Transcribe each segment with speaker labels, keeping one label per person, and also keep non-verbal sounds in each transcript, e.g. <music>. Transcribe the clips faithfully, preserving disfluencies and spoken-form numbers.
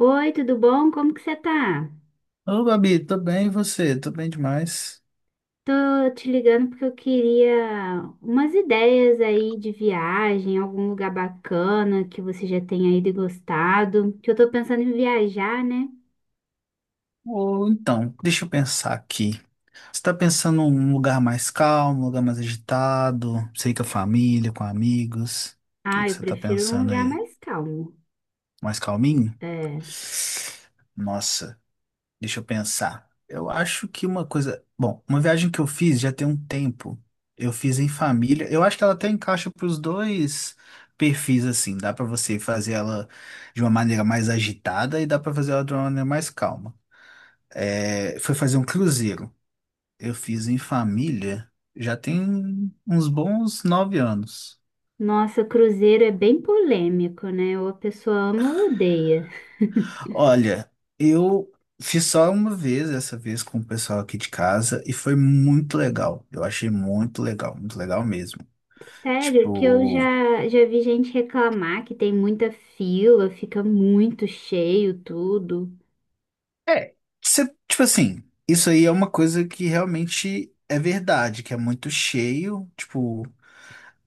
Speaker 1: Oi, tudo bom? Como que você tá?
Speaker 2: Ô, Gabi, tô bem, e você? Tô bem demais.
Speaker 1: Tô te ligando porque eu queria umas ideias aí de viagem, algum lugar bacana que você já tenha ido e gostado. Que eu tô pensando em viajar, né?
Speaker 2: Ou então, deixa eu pensar aqui. Você tá pensando num lugar mais calmo, um lugar mais agitado? Sei que a família, com amigos. O que
Speaker 1: Ah,
Speaker 2: que
Speaker 1: eu
Speaker 2: você tá
Speaker 1: prefiro um
Speaker 2: pensando
Speaker 1: lugar
Speaker 2: aí?
Speaker 1: mais calmo.
Speaker 2: Mais calminho?
Speaker 1: É.
Speaker 2: Nossa. Deixa eu pensar. Eu acho que uma coisa. Bom, uma viagem que eu fiz já tem um tempo. Eu fiz em família. Eu acho que ela até encaixa para os dois perfis, assim. Dá para você fazer ela de uma maneira mais agitada e dá para fazer ela de uma maneira mais calma. É, foi fazer um cruzeiro. Eu fiz em família já tem uns bons nove anos.
Speaker 1: Nossa, cruzeiro é bem polêmico, né? Ou a pessoa ama ou odeia.
Speaker 2: Olha, eu fiz só uma vez, essa vez com o pessoal aqui de casa, e foi muito legal. Eu achei muito legal, muito legal mesmo.
Speaker 1: Sério, que eu
Speaker 2: Tipo,
Speaker 1: já, já vi gente reclamar que tem muita fila, fica muito cheio tudo.
Speaker 2: é, cê- tipo assim, isso aí é uma coisa que realmente é verdade, que é muito cheio. Tipo,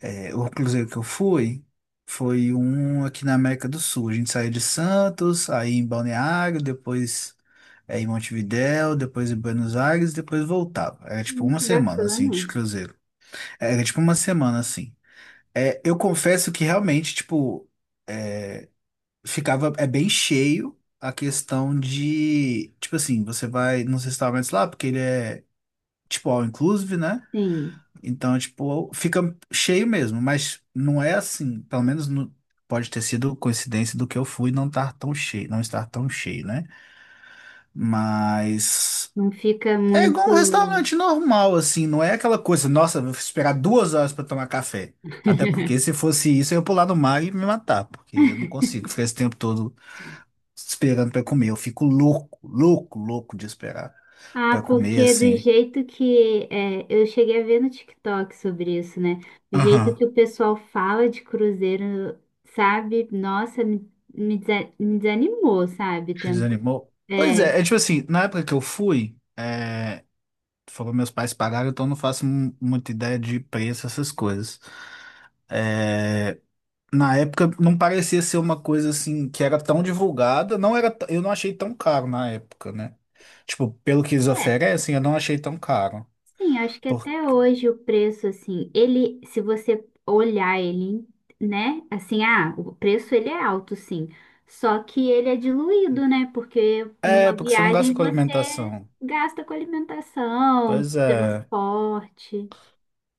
Speaker 2: é, o cruzeiro que eu fui foi um aqui na América do Sul. A gente saiu de Santos, aí em Balneário, depois é, em Montevidéu, depois em Buenos Aires, depois voltava. Era tipo
Speaker 1: Hum,
Speaker 2: uma
Speaker 1: que
Speaker 2: semana assim
Speaker 1: bacana.
Speaker 2: de cruzeiro. É, tipo uma semana, assim. É, eu confesso que realmente, tipo, é, ficava, é bem cheio a questão de, tipo assim, você vai nos restaurantes lá, porque ele é, tipo, all inclusive, né?
Speaker 1: Sim.
Speaker 2: Então, tipo, fica cheio mesmo, mas não é assim, pelo menos no- pode ter sido coincidência do que eu fui não estar tão cheio, não estar tão cheio, né? Mas
Speaker 1: Não fica
Speaker 2: é igual um
Speaker 1: muito.
Speaker 2: restaurante normal, assim, não é aquela coisa, nossa, vou esperar duas horas pra tomar café. Até porque se
Speaker 1: <laughs>
Speaker 2: fosse isso, eu ia pular no mar e me matar, porque eu não consigo ficar esse tempo todo esperando pra comer. Eu fico louco, louco, louco de esperar
Speaker 1: Ah,
Speaker 2: pra comer,
Speaker 1: porque do
Speaker 2: assim.
Speaker 1: jeito que é, eu cheguei a ver no TikTok sobre isso, né? O jeito
Speaker 2: Aham.
Speaker 1: que o pessoal fala de cruzeiro, sabe? Nossa, me, me desa- me desanimou, sabe?
Speaker 2: Te
Speaker 1: Tem-
Speaker 2: desanimou? Pois
Speaker 1: É,
Speaker 2: é, é tipo assim, na época que eu fui, é, foram meus pais pagaram, então eu não faço mu- muita ideia de preço, essas coisas. É, na época não parecia ser uma coisa assim que era tão divulgada, não era, t- eu não achei tão caro na época, né? Tipo, pelo que eles
Speaker 1: é.
Speaker 2: oferecem, eu não achei tão caro.
Speaker 1: Sim, acho que
Speaker 2: Por-
Speaker 1: até hoje o preço, assim, ele, se você olhar ele, né, assim, ah, o preço ele é alto, sim, só que ele é diluído, né, porque
Speaker 2: É,
Speaker 1: numa
Speaker 2: porque você não
Speaker 1: viagem
Speaker 2: gasta com
Speaker 1: você
Speaker 2: alimentação.
Speaker 1: gasta com alimentação,
Speaker 2: Pois é.
Speaker 1: transporte,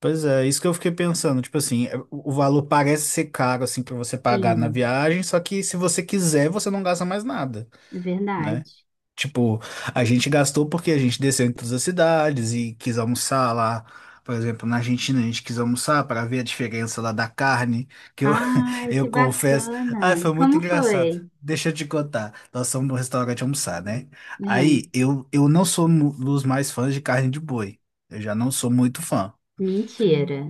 Speaker 2: Pois é, isso que eu fiquei pensando, tipo assim, é, o o valor parece ser caro assim para você pagar na
Speaker 1: sim,
Speaker 2: viagem, só que se você quiser, você não gasta mais nada,
Speaker 1: é
Speaker 2: né?
Speaker 1: verdade.
Speaker 2: Tipo, a gente gastou porque a gente desceu em todas as cidades e quis almoçar lá. Por exemplo, na Argentina a gente quis almoçar para ver a diferença lá da carne, que eu,
Speaker 1: Ah,
Speaker 2: <laughs> eu
Speaker 1: que
Speaker 2: confesso.
Speaker 1: bacana!
Speaker 2: Ai, foi muito
Speaker 1: Como
Speaker 2: engraçado.
Speaker 1: foi?
Speaker 2: Deixa eu te contar. Nós fomos no restaurante almoçar, né? Aí
Speaker 1: Hum,
Speaker 2: eu, eu não sou um dos mais fãs de carne de boi. Eu já não sou muito fã.
Speaker 1: mentira.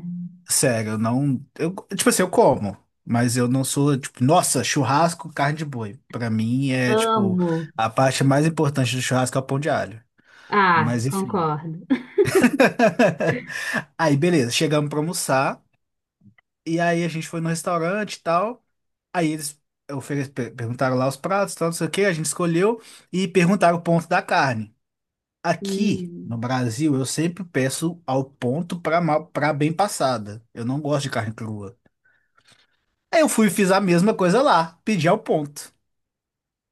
Speaker 2: Sério, eu não. Eu, tipo assim, eu como, mas eu não sou, tipo, nossa, churrasco, carne de boi. Pra mim é, tipo,
Speaker 1: Amo.
Speaker 2: a parte mais importante do churrasco é o pão de alho.
Speaker 1: Ah,
Speaker 2: Mas enfim.
Speaker 1: concordo.
Speaker 2: <laughs> Aí, beleza, chegamos pra almoçar. E aí a gente foi no restaurante e tal. Aí eles ofere- per- perguntaram lá os pratos, tal, não sei o que, a gente escolheu e perguntaram o ponto da carne. Aqui no
Speaker 1: Hum,
Speaker 2: Brasil, eu sempre peço ao ponto pra, mal- pra bem passada. Eu não gosto de carne crua. Aí eu fui e fiz a mesma coisa lá, pedi ao ponto.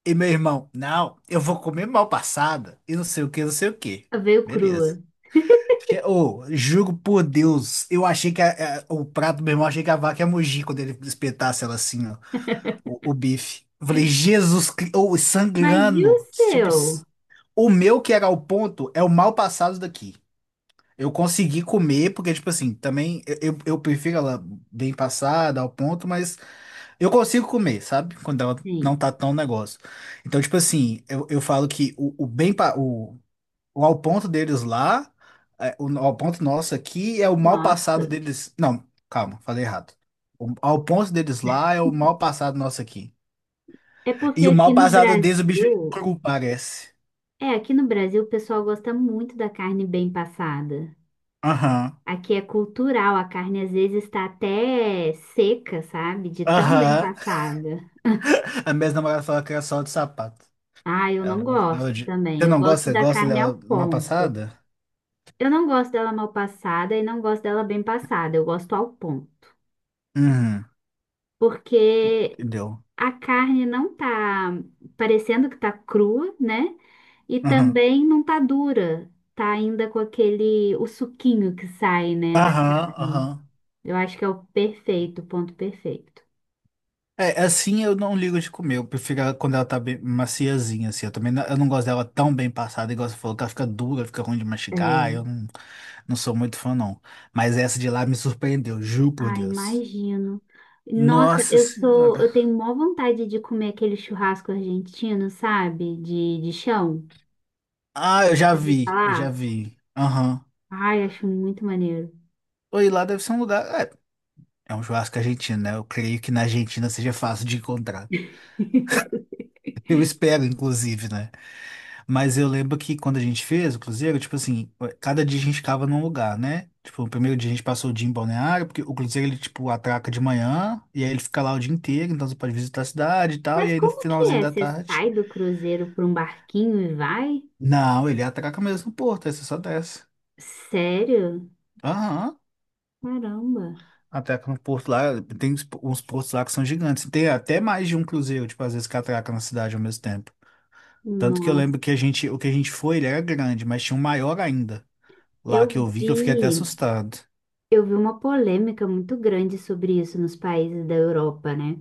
Speaker 2: E meu irmão, não, eu vou comer mal passada e não sei o que, não sei o que.
Speaker 1: veio
Speaker 2: Beleza.
Speaker 1: crua.
Speaker 2: Fiquei- Ô, juro por Deus, eu achei que a- a- o prato do meu irmão, achei que a vaca ia mugir quando ele espetasse ela assim, ó, o, o bife. Eu falei, Jesus Cristo, ô,
Speaker 1: Mas e
Speaker 2: sangrando.
Speaker 1: o
Speaker 2: Tipo, s-
Speaker 1: seu?
Speaker 2: o meu que era o ponto é o mal passado daqui. Eu consegui comer, porque, tipo assim, também eu, eu eu prefiro ela bem passada, ao ponto, mas. Eu consigo comer, sabe? Quando ela
Speaker 1: Sim.
Speaker 2: não tá tão negócio. Então, tipo assim, eu, eu falo que o, o bem, pa- o, o ao ponto deles lá, é, o ao ponto nosso aqui é o mal passado
Speaker 1: Nossa.
Speaker 2: deles. Não, calma, falei errado. O ao ponto deles lá é o mal passado nosso aqui.
Speaker 1: É porque
Speaker 2: E o
Speaker 1: aqui
Speaker 2: mal
Speaker 1: no
Speaker 2: passado deles, o bicho é
Speaker 1: Brasil,
Speaker 2: cru, parece.
Speaker 1: é, aqui no Brasil o pessoal gosta muito da carne bem passada.
Speaker 2: Aham,
Speaker 1: Aqui é cultural, a carne às vezes está até seca, sabe? De tão bem
Speaker 2: aham.
Speaker 1: passada.
Speaker 2: A minha namorada falou que era só de sapato.
Speaker 1: Ah, eu
Speaker 2: Ela
Speaker 1: não
Speaker 2: não
Speaker 1: gosto
Speaker 2: gostava de.
Speaker 1: também.
Speaker 2: Você
Speaker 1: Eu
Speaker 2: não gosta?
Speaker 1: gosto
Speaker 2: Você
Speaker 1: da
Speaker 2: gosta
Speaker 1: carne ao
Speaker 2: dela mal
Speaker 1: ponto.
Speaker 2: passada?
Speaker 1: Eu não gosto dela mal passada e não gosto dela bem passada. Eu gosto ao ponto.
Speaker 2: Uhum,
Speaker 1: Porque
Speaker 2: entendeu?
Speaker 1: a carne não tá parecendo que tá crua, né? E
Speaker 2: Aham,
Speaker 1: também não tá dura. Tá ainda com aquele, o suquinho que sai, né, da
Speaker 2: aham,
Speaker 1: carne.
Speaker 2: aham.
Speaker 1: Eu acho que é o perfeito, o ponto perfeito.
Speaker 2: É, assim eu não ligo de comer. Eu prefiro ela quando ela tá bem maciazinha, assim. Eu também não, eu não gosto dela tão bem passada, igual você falou, que ela fica dura, fica ruim de mastigar.
Speaker 1: É.
Speaker 2: Eu não, não sou muito fã, não. Mas essa de lá me surpreendeu, juro por
Speaker 1: Ai,
Speaker 2: Deus.
Speaker 1: imagino. Nossa,
Speaker 2: Nossa
Speaker 1: eu sou,
Speaker 2: senhora.
Speaker 1: eu tenho maior vontade de comer aquele churrasco argentino, sabe? De, de chão.
Speaker 2: Ah, eu já vi, eu
Speaker 1: Falar.
Speaker 2: já vi. Aham.
Speaker 1: Ai, acho muito maneiro.
Speaker 2: Oi, lá deve ser um lugar. É, é um churrasco argentino, né? Eu creio que na Argentina seja fácil de encontrar.
Speaker 1: <laughs>
Speaker 2: Eu espero, inclusive, né? Mas eu lembro que quando a gente fez o cruzeiro, tipo assim, eh, cada dia a gente ficava num lugar, né? Tipo, o primeiro dia a gente passou o dia em Balneário, porque o cruzeiro ele, tipo, atraca de manhã, e aí ele fica lá o dia inteiro, então você pode visitar a cidade e tal, e
Speaker 1: Mas
Speaker 2: aí no
Speaker 1: como que
Speaker 2: finalzinho
Speaker 1: é?
Speaker 2: da
Speaker 1: Você
Speaker 2: tarde.
Speaker 1: sai do cruzeiro para um barquinho e vai?
Speaker 2: Não, ele atraca mesmo no porto, aí você só desce.
Speaker 1: Sério?
Speaker 2: Aham.
Speaker 1: Caramba.
Speaker 2: Atraca no porto lá, tem uns uns portos lá que são gigantes. Tem até mais de um cruzeiro, tipo, às vezes que atraca na cidade ao mesmo tempo. Tanto que eu
Speaker 1: Nossa,
Speaker 2: lembro que a gente, o que a gente foi, ele era grande, mas tinha um maior ainda, lá
Speaker 1: eu
Speaker 2: que eu vi que eu fiquei até
Speaker 1: vi,
Speaker 2: assustado.
Speaker 1: eu vi uma polêmica muito grande sobre isso nos países da Europa, né?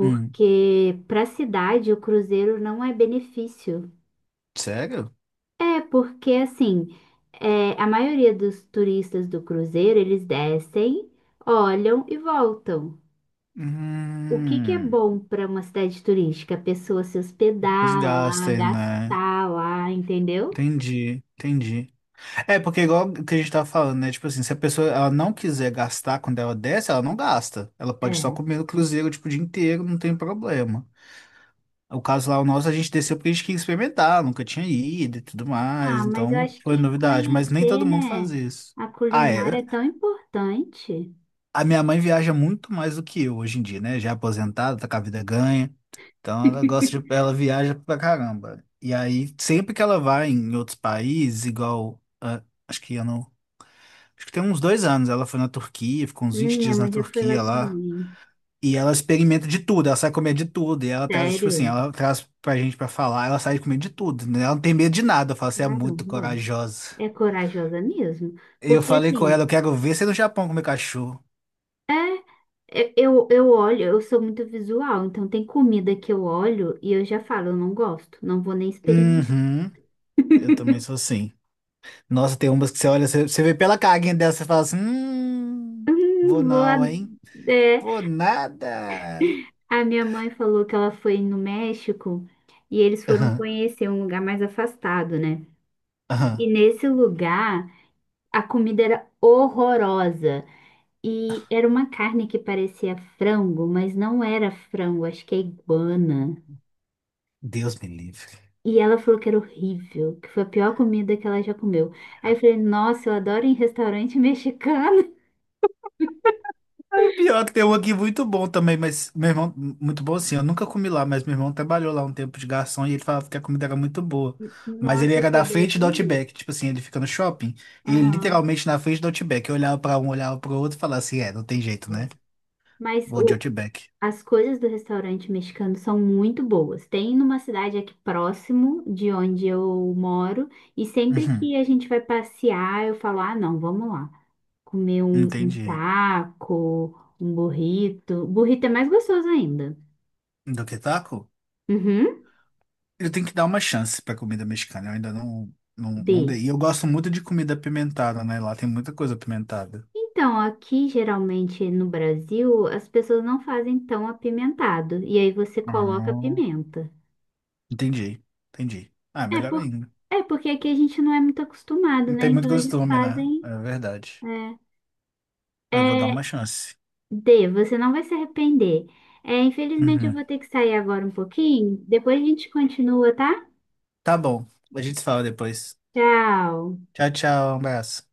Speaker 2: Hum.
Speaker 1: para a cidade o cruzeiro não é benefício.
Speaker 2: Sério?
Speaker 1: É, porque assim, é, a maioria dos turistas do cruzeiro, eles descem, olham e voltam. O que que é
Speaker 2: Hum,
Speaker 1: bom para uma cidade turística? A pessoa se
Speaker 2: os
Speaker 1: hospedar lá,
Speaker 2: gastos, né?
Speaker 1: gastar lá, entendeu?
Speaker 2: Entendi, entendi. É, porque igual que a gente tava falando, né? Tipo assim, se a pessoa ela não quiser gastar quando ela desce, ela não gasta. Ela pode só
Speaker 1: É.
Speaker 2: comer no cruzeiro, tipo, o dia inteiro, não tem problema. O caso lá, o nosso, a gente desceu porque a gente queria experimentar, nunca tinha ido e tudo
Speaker 1: Ah,
Speaker 2: mais,
Speaker 1: mas eu
Speaker 2: então
Speaker 1: acho
Speaker 2: foi
Speaker 1: que
Speaker 2: novidade, mas nem
Speaker 1: conhecer,
Speaker 2: todo mundo faz
Speaker 1: né,
Speaker 2: isso.
Speaker 1: a
Speaker 2: Ah,
Speaker 1: culinária
Speaker 2: é.
Speaker 1: é tão importante.
Speaker 2: A minha mãe viaja muito mais do que eu hoje em dia, né? Já é aposentada, tá com a vida ganha. Então ela gosta de, ela viaja pra caramba. E aí, sempre que ela vai em outros países, igual, ah, acho que ano, acho que tem uns dois anos, ela foi na Turquia, ficou uns
Speaker 1: Hum,
Speaker 2: vinte
Speaker 1: minha
Speaker 2: dias na
Speaker 1: mãe já foi lá
Speaker 2: Turquia lá.
Speaker 1: também.
Speaker 2: E ela experimenta de tudo, ela sai comer de tudo. E ela traz, tipo assim,
Speaker 1: Sério?
Speaker 2: ela traz pra gente pra falar, ela sai comer de tudo, né? Ela não tem medo de nada. Eu falo, você é muito
Speaker 1: Caramba.
Speaker 2: corajosa.
Speaker 1: É corajosa mesmo.
Speaker 2: Eu
Speaker 1: Porque
Speaker 2: falei com ela,
Speaker 1: assim,
Speaker 2: eu quero ver você no Japão comer cachorro.
Speaker 1: é, é- eu, eu olho, eu sou muito visual, então tem comida que eu olho e eu já falo, eu não gosto, não vou nem experimentar. <laughs>
Speaker 2: Uhum, eu também sou assim. Nossa, tem umas que você olha, você, você vê pela caguinha dela, você fala assim, hum, vou
Speaker 1: Hum, vou a,
Speaker 2: não, hein?
Speaker 1: é,
Speaker 2: Vou nada.
Speaker 1: a minha mãe falou que ela foi no México e eles foram
Speaker 2: Aham,
Speaker 1: conhecer um lugar mais afastado, né? E
Speaker 2: aham.
Speaker 1: nesse lugar, a comida era horrorosa. E era uma carne que parecia frango, mas não era frango, acho que é iguana.
Speaker 2: Deus me livre.
Speaker 1: E ela falou que era horrível, que foi a pior comida que ela já comeu. Aí eu falei, nossa, eu adoro ir em restaurante mexicano.
Speaker 2: O pior é que tem um aqui muito bom também, mas meu irmão, muito bom assim, eu nunca comi lá, mas meu irmão trabalhou lá um tempo de garçom e ele falava que a comida era muito boa.
Speaker 1: <laughs>
Speaker 2: Mas ele
Speaker 1: Nossa,
Speaker 2: era
Speaker 1: você
Speaker 2: da frente
Speaker 1: deve
Speaker 2: do
Speaker 1: ir.
Speaker 2: Outback, tipo assim, ele fica no shopping, ele
Speaker 1: Aham.
Speaker 2: literalmente na frente do Outback. Eu olhava pra um, olhava pro outro e falava assim, é, não tem jeito, né?
Speaker 1: É. Mas
Speaker 2: Vou de
Speaker 1: o,
Speaker 2: Outback.
Speaker 1: as coisas do restaurante mexicano são muito boas. Tem numa cidade aqui próximo de onde eu moro, e sempre
Speaker 2: Uhum,
Speaker 1: que a gente vai passear, eu falo: ah, não, vamos lá. Comer um, um
Speaker 2: entendi.
Speaker 1: taco, um burrito. Burrito é mais gostoso ainda.
Speaker 2: Do que taco?
Speaker 1: Uhum.
Speaker 2: Eu tenho que dar uma chance pra comida mexicana. Eu ainda não, não, não
Speaker 1: B.
Speaker 2: dei. E eu gosto muito de comida apimentada, né? Lá tem muita coisa apimentada.
Speaker 1: Então, aqui geralmente no Brasil, as pessoas não fazem tão apimentado, e aí você coloca
Speaker 2: Hum.
Speaker 1: pimenta.
Speaker 2: Entendi, entendi. Ah,
Speaker 1: É,
Speaker 2: melhor
Speaker 1: por...
Speaker 2: ainda.
Speaker 1: é porque aqui a gente não é muito acostumado,
Speaker 2: Não
Speaker 1: né?
Speaker 2: tem muito
Speaker 1: Então eles
Speaker 2: costume, né?
Speaker 1: fazem.
Speaker 2: É verdade.
Speaker 1: É.
Speaker 2: Eu vou dar
Speaker 1: É,
Speaker 2: uma chance.
Speaker 1: dê, você não vai se arrepender. É, infelizmente eu
Speaker 2: Uhum.
Speaker 1: vou ter que sair agora um pouquinho. Depois a gente continua, tá?
Speaker 2: Tá bom. A gente se fala depois.
Speaker 1: Tchau.
Speaker 2: Tchau, tchau. Um abraço.